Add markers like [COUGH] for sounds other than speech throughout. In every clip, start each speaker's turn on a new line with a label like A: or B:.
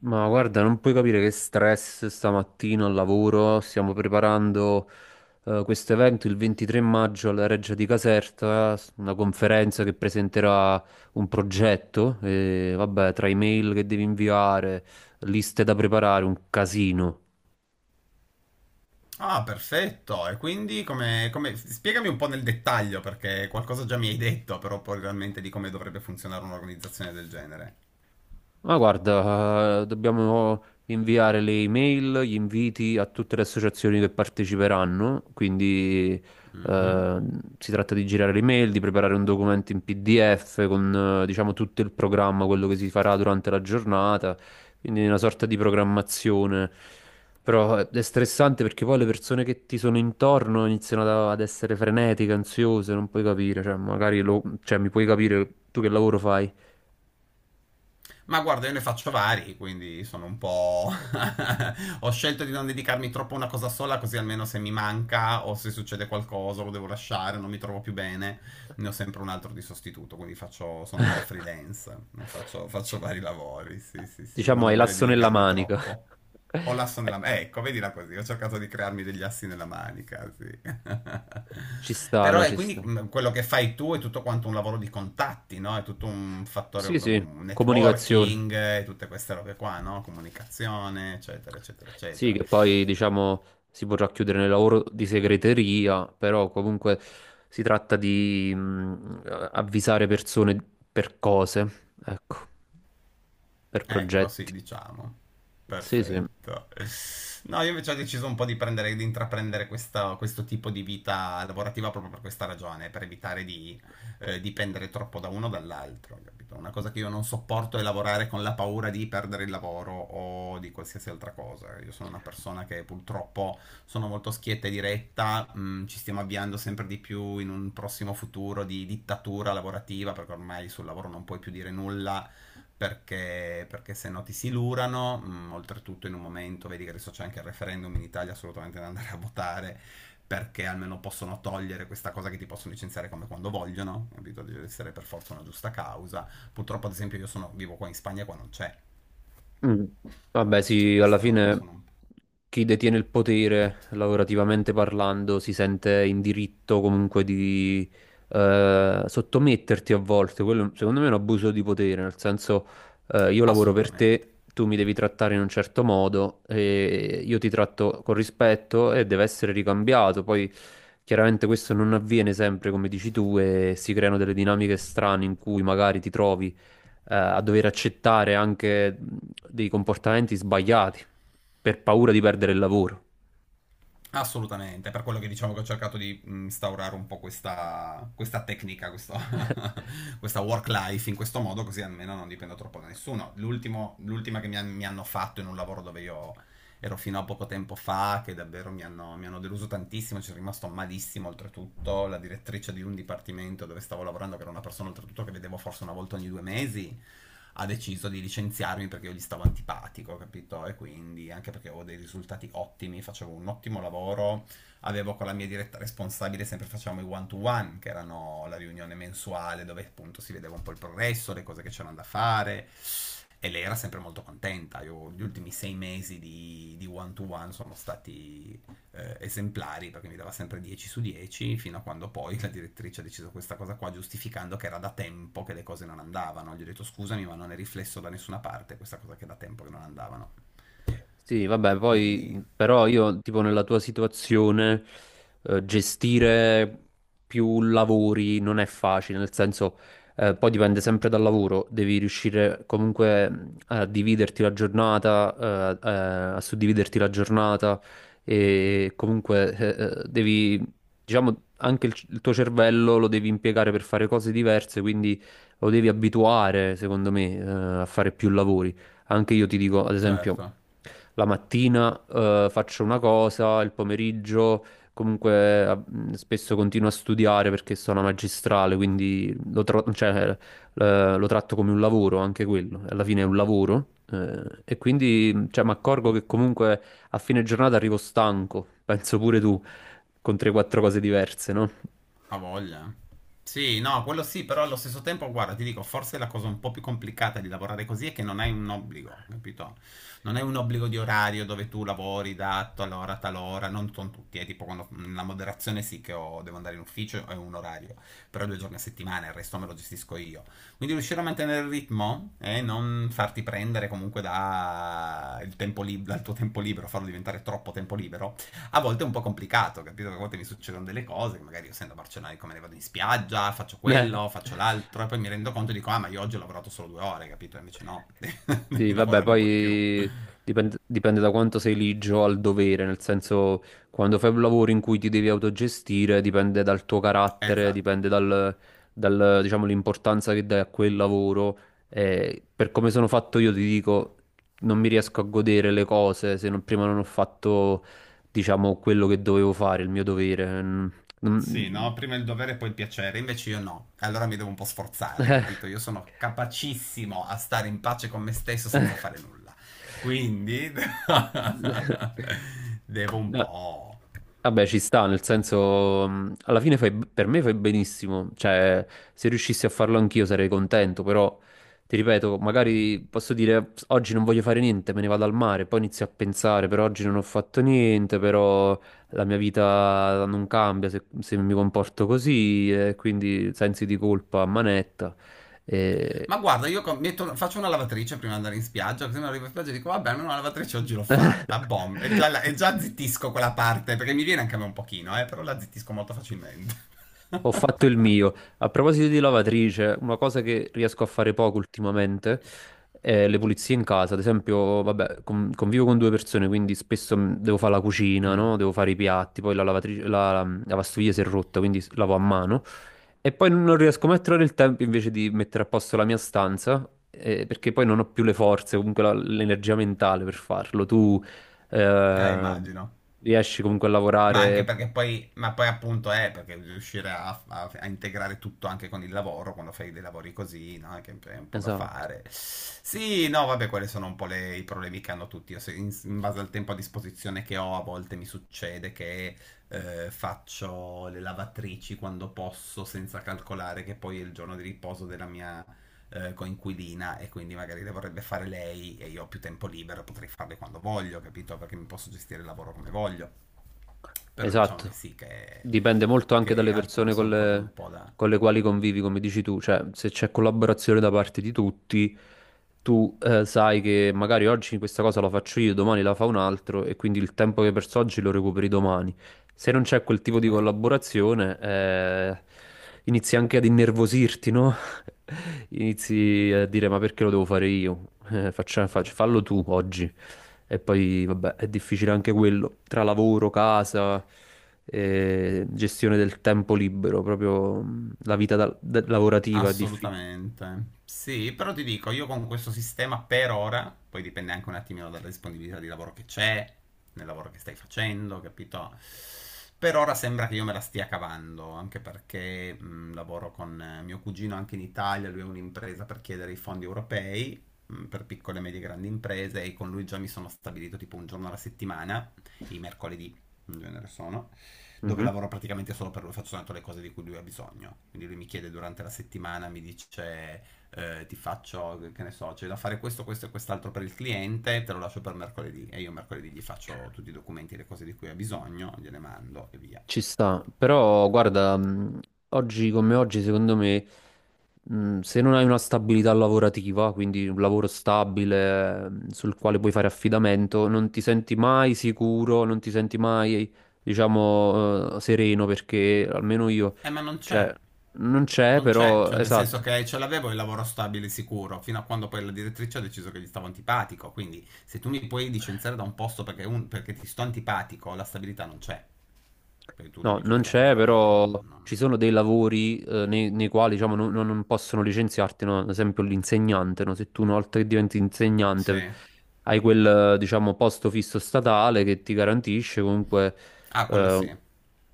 A: Ma guarda, non puoi capire che stress stamattina al lavoro. Stiamo preparando questo evento il 23 maggio alla Reggia di Caserta, una conferenza che presenterà un progetto. E, vabbè, tra email che devi inviare, liste da preparare, un casino.
B: Ah, perfetto. E quindi spiegami un po' nel dettaglio, perché qualcosa già mi hai detto, però poi realmente di come dovrebbe funzionare un'organizzazione del genere.
A: Ma guarda, dobbiamo inviare le email, gli inviti a tutte le associazioni che parteciperanno, quindi
B: Mhm.
A: eh, si tratta di girare le email, di preparare un documento in PDF con diciamo tutto il programma, quello che si farà durante la giornata, quindi una sorta di programmazione. Però è stressante perché poi le persone che ti sono intorno iniziano ad essere frenetiche, ansiose, non puoi capire, cioè magari cioè, mi puoi capire tu che lavoro fai.
B: Ma guarda, io ne faccio vari, quindi sono un po'... [LAUGHS] Ho scelto di non dedicarmi troppo a una cosa sola, così almeno se mi manca o se succede qualcosa o lo devo lasciare, non mi trovo più bene, ne ho sempre un altro di sostituto, quindi faccio... sono un po' freelance, faccio vari lavori, sì, sì, sì,
A: Diciamo
B: non ho
A: hai
B: voglia di
A: l'asso nella
B: legarmi
A: manica.
B: troppo. Ho l'asso nella
A: [LAUGHS]
B: manica, ecco, vedila così, ho cercato di crearmi degli assi nella manica, sì.
A: Ci
B: [LAUGHS]
A: sta,
B: Però
A: no,
B: e
A: ci
B: quindi
A: sta.
B: quello che fai tu è tutto quanto un lavoro di contatti, no? È tutto un fattore,
A: Sì, sì,
B: un
A: comunicazione.
B: networking, tutte queste robe qua, no? Comunicazione, eccetera, eccetera,
A: Sì,
B: eccetera.
A: che poi diciamo si potrà chiudere nel lavoro di segreteria, però comunque si tratta di avvisare persone per cose, ecco, per
B: Ecco, sì,
A: progetti.
B: diciamo.
A: Sì, sì.
B: Perfetto. No, io invece ho deciso un po' di intraprendere questo tipo di vita lavorativa proprio per questa ragione, per evitare di dipendere troppo da uno o dall'altro, capito? Una cosa che io non sopporto è lavorare con la paura di perdere il lavoro o di qualsiasi altra cosa. Io sono una persona che purtroppo sono molto schietta e diretta. Mm, ci stiamo avviando sempre di più in un prossimo futuro di dittatura lavorativa, perché ormai sul lavoro non puoi più dire nulla perché, se no ti silurano, oltretutto in un momento, vedi che adesso c'è anche il referendum in Italia, assolutamente da andare a votare, perché almeno possono togliere questa cosa che ti possono licenziare come quando vogliono, capito? Deve essere per forza una giusta causa. Purtroppo, ad esempio, vivo qua in Spagna, qua non c'è
A: Mm. Vabbè, sì, alla
B: questa roba,
A: fine
B: sono un...
A: chi detiene il potere, lavorativamente parlando, si sente in diritto comunque di sottometterti a volte. Quello, secondo me, è un abuso di potere, nel senso, io lavoro per
B: assolutamente.
A: te, tu mi devi trattare in un certo modo e io ti tratto con rispetto e deve essere ricambiato. Poi, chiaramente, questo non avviene sempre, come dici tu, e si creano delle dinamiche strane in cui magari ti trovi a dover accettare anche dei comportamenti sbagliati per paura di perdere il lavoro.
B: Assolutamente, per quello che diciamo che ho cercato di instaurare un po' questa tecnica, [LAUGHS] questa work life in questo modo, così almeno non dipendo troppo da nessuno. L'ultima che mi hanno fatto in un lavoro dove io ero fino a poco tempo fa, che davvero mi hanno deluso tantissimo, ci sono rimasto malissimo oltretutto, la direttrice di un dipartimento dove stavo lavorando, che era una persona oltretutto che vedevo forse una volta ogni due mesi, ha deciso di licenziarmi perché io gli stavo antipatico, capito? E quindi anche perché avevo dei risultati ottimi, facevo un ottimo lavoro, avevo con la mia diretta responsabile sempre facciamo i one to one, che erano la riunione mensuale dove appunto si vedeva un po' il progresso, le cose che c'erano da fare. E lei era sempre molto contenta. Io, gli ultimi sei mesi di one to one sono stati esemplari, perché mi dava sempre 10 su 10, fino a quando poi la direttrice ha deciso questa cosa qua, giustificando che era da tempo che le cose non andavano. Gli ho detto scusami, ma non è riflesso da nessuna parte questa cosa che è da tempo che non andavano.
A: Sì, vabbè,
B: Quindi,
A: poi però io tipo nella tua situazione gestire più lavori non è facile, nel senso poi dipende sempre dal lavoro, devi riuscire comunque a dividerti la giornata, eh, eh, a suddividerti la giornata e comunque devi, diciamo, anche il tuo cervello lo devi impiegare per fare cose diverse, quindi lo devi abituare, secondo me, a fare più lavori. Anche io ti dico, ad esempio
B: certo.
A: la mattina faccio una cosa, il pomeriggio comunque spesso continuo a studiare perché sono una magistrale, quindi cioè, lo tratto come un lavoro, anche quello, alla fine è un lavoro. E quindi cioè, mi accorgo che comunque a fine giornata arrivo stanco, penso pure tu, con 3-4 cose diverse, no?
B: Ha voglia. Eh? Sì, no, quello sì, però allo stesso tempo, guarda, ti dico, forse la cosa un po' più complicata di lavorare così è che non hai un obbligo, capito? Non hai un obbligo di orario dove tu lavori da tal ora a tal ora, non con tutti, è tipo quando la moderazione sì che devo andare in ufficio, è un orario, però due giorni a settimana, il resto me lo gestisco io. Quindi riuscire a mantenere il ritmo e non farti prendere comunque da dal tuo tempo libero, farlo diventare troppo tempo libero, a volte è un po' complicato, capito? Perché a volte mi succedono delle cose, che magari io essendo barcelonaico me ne vado in spiaggia, faccio
A: Eh,
B: quello, faccio l'altro, e poi mi rendo conto e dico, ah, ma io oggi ho lavorato solo due ore, capito? E invece no,
A: sì,
B: devi [LAUGHS]
A: vabbè,
B: lavorare un po' di più.
A: poi dipende, dipende da quanto sei ligio al dovere, nel senso quando fai un lavoro in cui ti devi autogestire, dipende dal tuo carattere,
B: Esatto.
A: dipende dal, diciamo, l'importanza che dai a quel lavoro. E per come sono fatto io ti dico, non mi riesco a godere le cose se non- prima non ho fatto, diciamo, quello che dovevo fare, il mio dovere. Mm,
B: Sì, no, prima il dovere e poi il piacere, invece io no. Allora mi devo un po' sforzare,
A: [LAUGHS]
B: capito? Io sono capacissimo a stare in pace con me stesso senza
A: eh.
B: fare nulla. Quindi [LAUGHS]
A: [LAUGHS]
B: devo un
A: No,
B: po'.
A: vabbè, ci sta, nel senso, alla fine per me fai benissimo, cioè, se riuscissi a farlo anch'io sarei contento, però, ti ripeto, magari posso dire, oggi non voglio fare niente, me ne vado al mare, poi inizio a pensare, però oggi non ho fatto niente, però la mia vita non cambia se, se mi comporto così, e quindi sensi di colpa a manetta,
B: Ma
A: e...
B: guarda, io faccio una lavatrice prima di andare in spiaggia, così mi arrivo in spiaggia e dico, vabbè, almeno una lavatrice oggi l'ho fatta, bom, e già, e già
A: [LAUGHS]
B: zittisco quella parte, perché mi viene anche a me un pochino, però la zittisco molto facilmente.
A: Ho fatto il mio. A proposito di lavatrice, una cosa che riesco a fare poco ultimamente è le pulizie in casa. Ad esempio, vabbè, convivo con due persone, quindi spesso devo fare la cucina,
B: Mm.
A: no? Devo fare i piatti, poi la lavatrice, la lavastoviglie si è rotta, quindi lavo a mano. E poi non riesco mai a trovare il tempo invece di mettere a posto la mia stanza, perché poi non ho più le forze, comunque l'energia mentale per farlo. Tu eh,
B: Immagino.
A: riesci comunque a
B: Ma anche
A: lavorare.
B: perché poi, ma poi appunto è perché riuscire a integrare tutto anche con il lavoro, quando fai dei lavori così, no? Che è un po' da
A: Esatto.
B: fare. Sì, no, vabbè, quelli sono un po' i problemi che hanno tutti. Io in base al tempo a disposizione che ho, a volte mi succede che faccio le lavatrici quando posso, senza calcolare che poi è il giorno di riposo della mia coinquilina, e quindi magari le vorrebbe fare lei e io ho più tempo libero, potrei farle quando voglio, capito? Perché mi posso gestire il lavoro come voglio. Però diciamo che
A: Esatto,
B: sì,
A: dipende molto anche dalle
B: che alcune
A: persone
B: sono cose un po' da...
A: con le quali convivi, come dici tu, cioè se c'è collaborazione da parte di tutti, tu sai che magari oggi questa cosa la faccio io, domani la fa un altro e quindi il tempo che perso oggi lo recuperi domani. Se non c'è quel tipo di
B: Certo.
A: collaborazione, inizi anche ad innervosirti, no? [LAUGHS] Inizi a dire ma perché lo devo fare io? Fallo tu oggi. E poi, vabbè, è difficile anche quello. Tra lavoro, casa, gestione del tempo libero, proprio la vita lavorativa è difficile.
B: Assolutamente. Sì, però ti dico, io con questo sistema per ora, poi dipende anche un attimino dalla disponibilità di lavoro che c'è, nel lavoro che stai facendo, capito? Per ora sembra che io me la stia cavando, anche perché lavoro con mio cugino anche in Italia, lui ha un'impresa per chiedere i fondi europei per piccole, medie e grandi imprese, e con lui già mi sono stabilito tipo un giorno alla settimana, i mercoledì in genere sono dove
A: Mhm.
B: lavoro praticamente solo per lui, faccio soltanto le cose di cui lui ha bisogno. Quindi lui mi chiede durante la settimana, mi dice ti faccio, che ne so, c'è da fare questo, questo e quest'altro per il cliente, te lo lascio per mercoledì e io mercoledì gli faccio tutti i documenti e le cose di cui ha bisogno, gliele mando e via.
A: Ci sta. Però, guarda, oggi come oggi, secondo me. Se non hai una stabilità lavorativa, quindi un lavoro stabile sul quale puoi fare affidamento, non ti senti mai sicuro, non ti senti mai, diciamo, sereno perché almeno io,
B: Ma non
A: cioè,
B: c'è.
A: non c'è,
B: Non c'è,
A: però,
B: cioè nel senso
A: esatto.
B: che ce l'avevo il lavoro stabile sicuro, fino a quando poi la direttrice ha deciso che gli stavo antipatico, quindi se tu mi puoi licenziare da un posto perché, perché ti sto antipatico, la stabilità non c'è, perché tu
A: No,
B: devi
A: non
B: giudicare il mio
A: c'è,
B: lavoro.
A: però ci
B: Non-
A: sono dei lavori nei, nei quali diciamo, non possono licenziarti, no? Ad esempio l'insegnante, no? Se tu una volta che diventi insegnante
B: Sì.
A: hai quel diciamo, posto fisso statale che ti garantisce comunque,
B: Ah, quello
A: eh,
B: sì.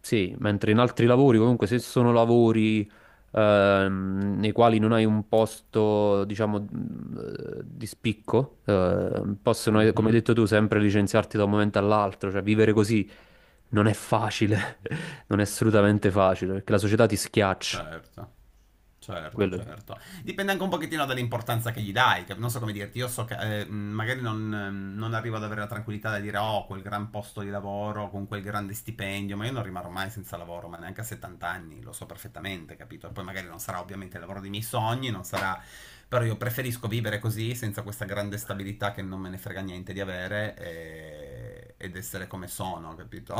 A: sì, mentre in altri lavori comunque se sono lavori nei quali non hai un posto, diciamo, di spicco, possono, come hai
B: Mhm.
A: detto tu, sempre licenziarti da un momento all'altro, cioè vivere così non è facile, [LAUGHS] non è assolutamente facile, perché la società ti schiaccia.
B: Certo. Certo,
A: Quello-
B: certo. Dipende anche un pochettino dall'importanza che gli dai. Che- non so come dirti, io so che magari non arrivo ad avere la tranquillità da dire oh, quel gran posto di lavoro con quel grande stipendio, ma io non rimarrò mai senza lavoro, ma neanche a 70 anni, lo so perfettamente, capito? E poi magari non sarà ovviamente il lavoro dei miei sogni, non sarà... Però io preferisco vivere così, senza questa grande stabilità che non me ne frega niente di avere, ed essere come sono, capito?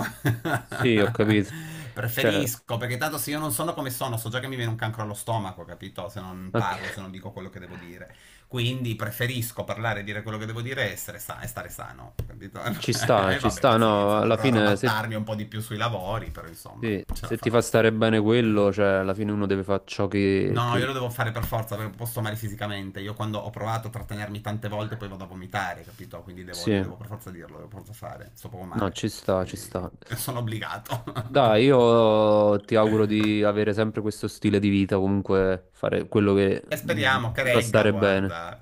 A: Sì, ho capito.
B: [LAUGHS]
A: Cioè,
B: Preferisco, perché tanto se io non sono come sono, so già che mi viene un cancro allo stomaco, capito? Se non parlo,
A: ok,
B: se non dico quello che devo dire. Quindi preferisco parlare e dire quello che devo dire e, e stare sano, capito?
A: ci sta,
B: E [LAUGHS]
A: ci
B: vabbè,
A: sta, no,
B: pazienza,
A: alla
B: dovrò
A: fine se,
B: arrabattarmi un po' di più sui lavori, però insomma,
A: sì,
B: ce la
A: se ti fa
B: farò.
A: stare bene quello, cioè alla fine uno deve fare ciò
B: No, io
A: che...
B: lo devo fare per forza perché non posso male fisicamente. Io quando ho provato a trattenermi tante volte poi vado a vomitare, capito? Quindi devo, io
A: Sì,
B: devo per forza dirlo, devo per forza fare. Sto proprio
A: no,
B: male.
A: ci sta, ci
B: Quindi
A: sta.
B: sono obbligato.
A: Dai,
B: [LAUGHS]
A: io ti auguro di avere sempre questo stile di vita, comunque fare quello che
B: E speriamo che
A: ti fa
B: regga,
A: stare bene.
B: guarda.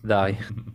A: Dai.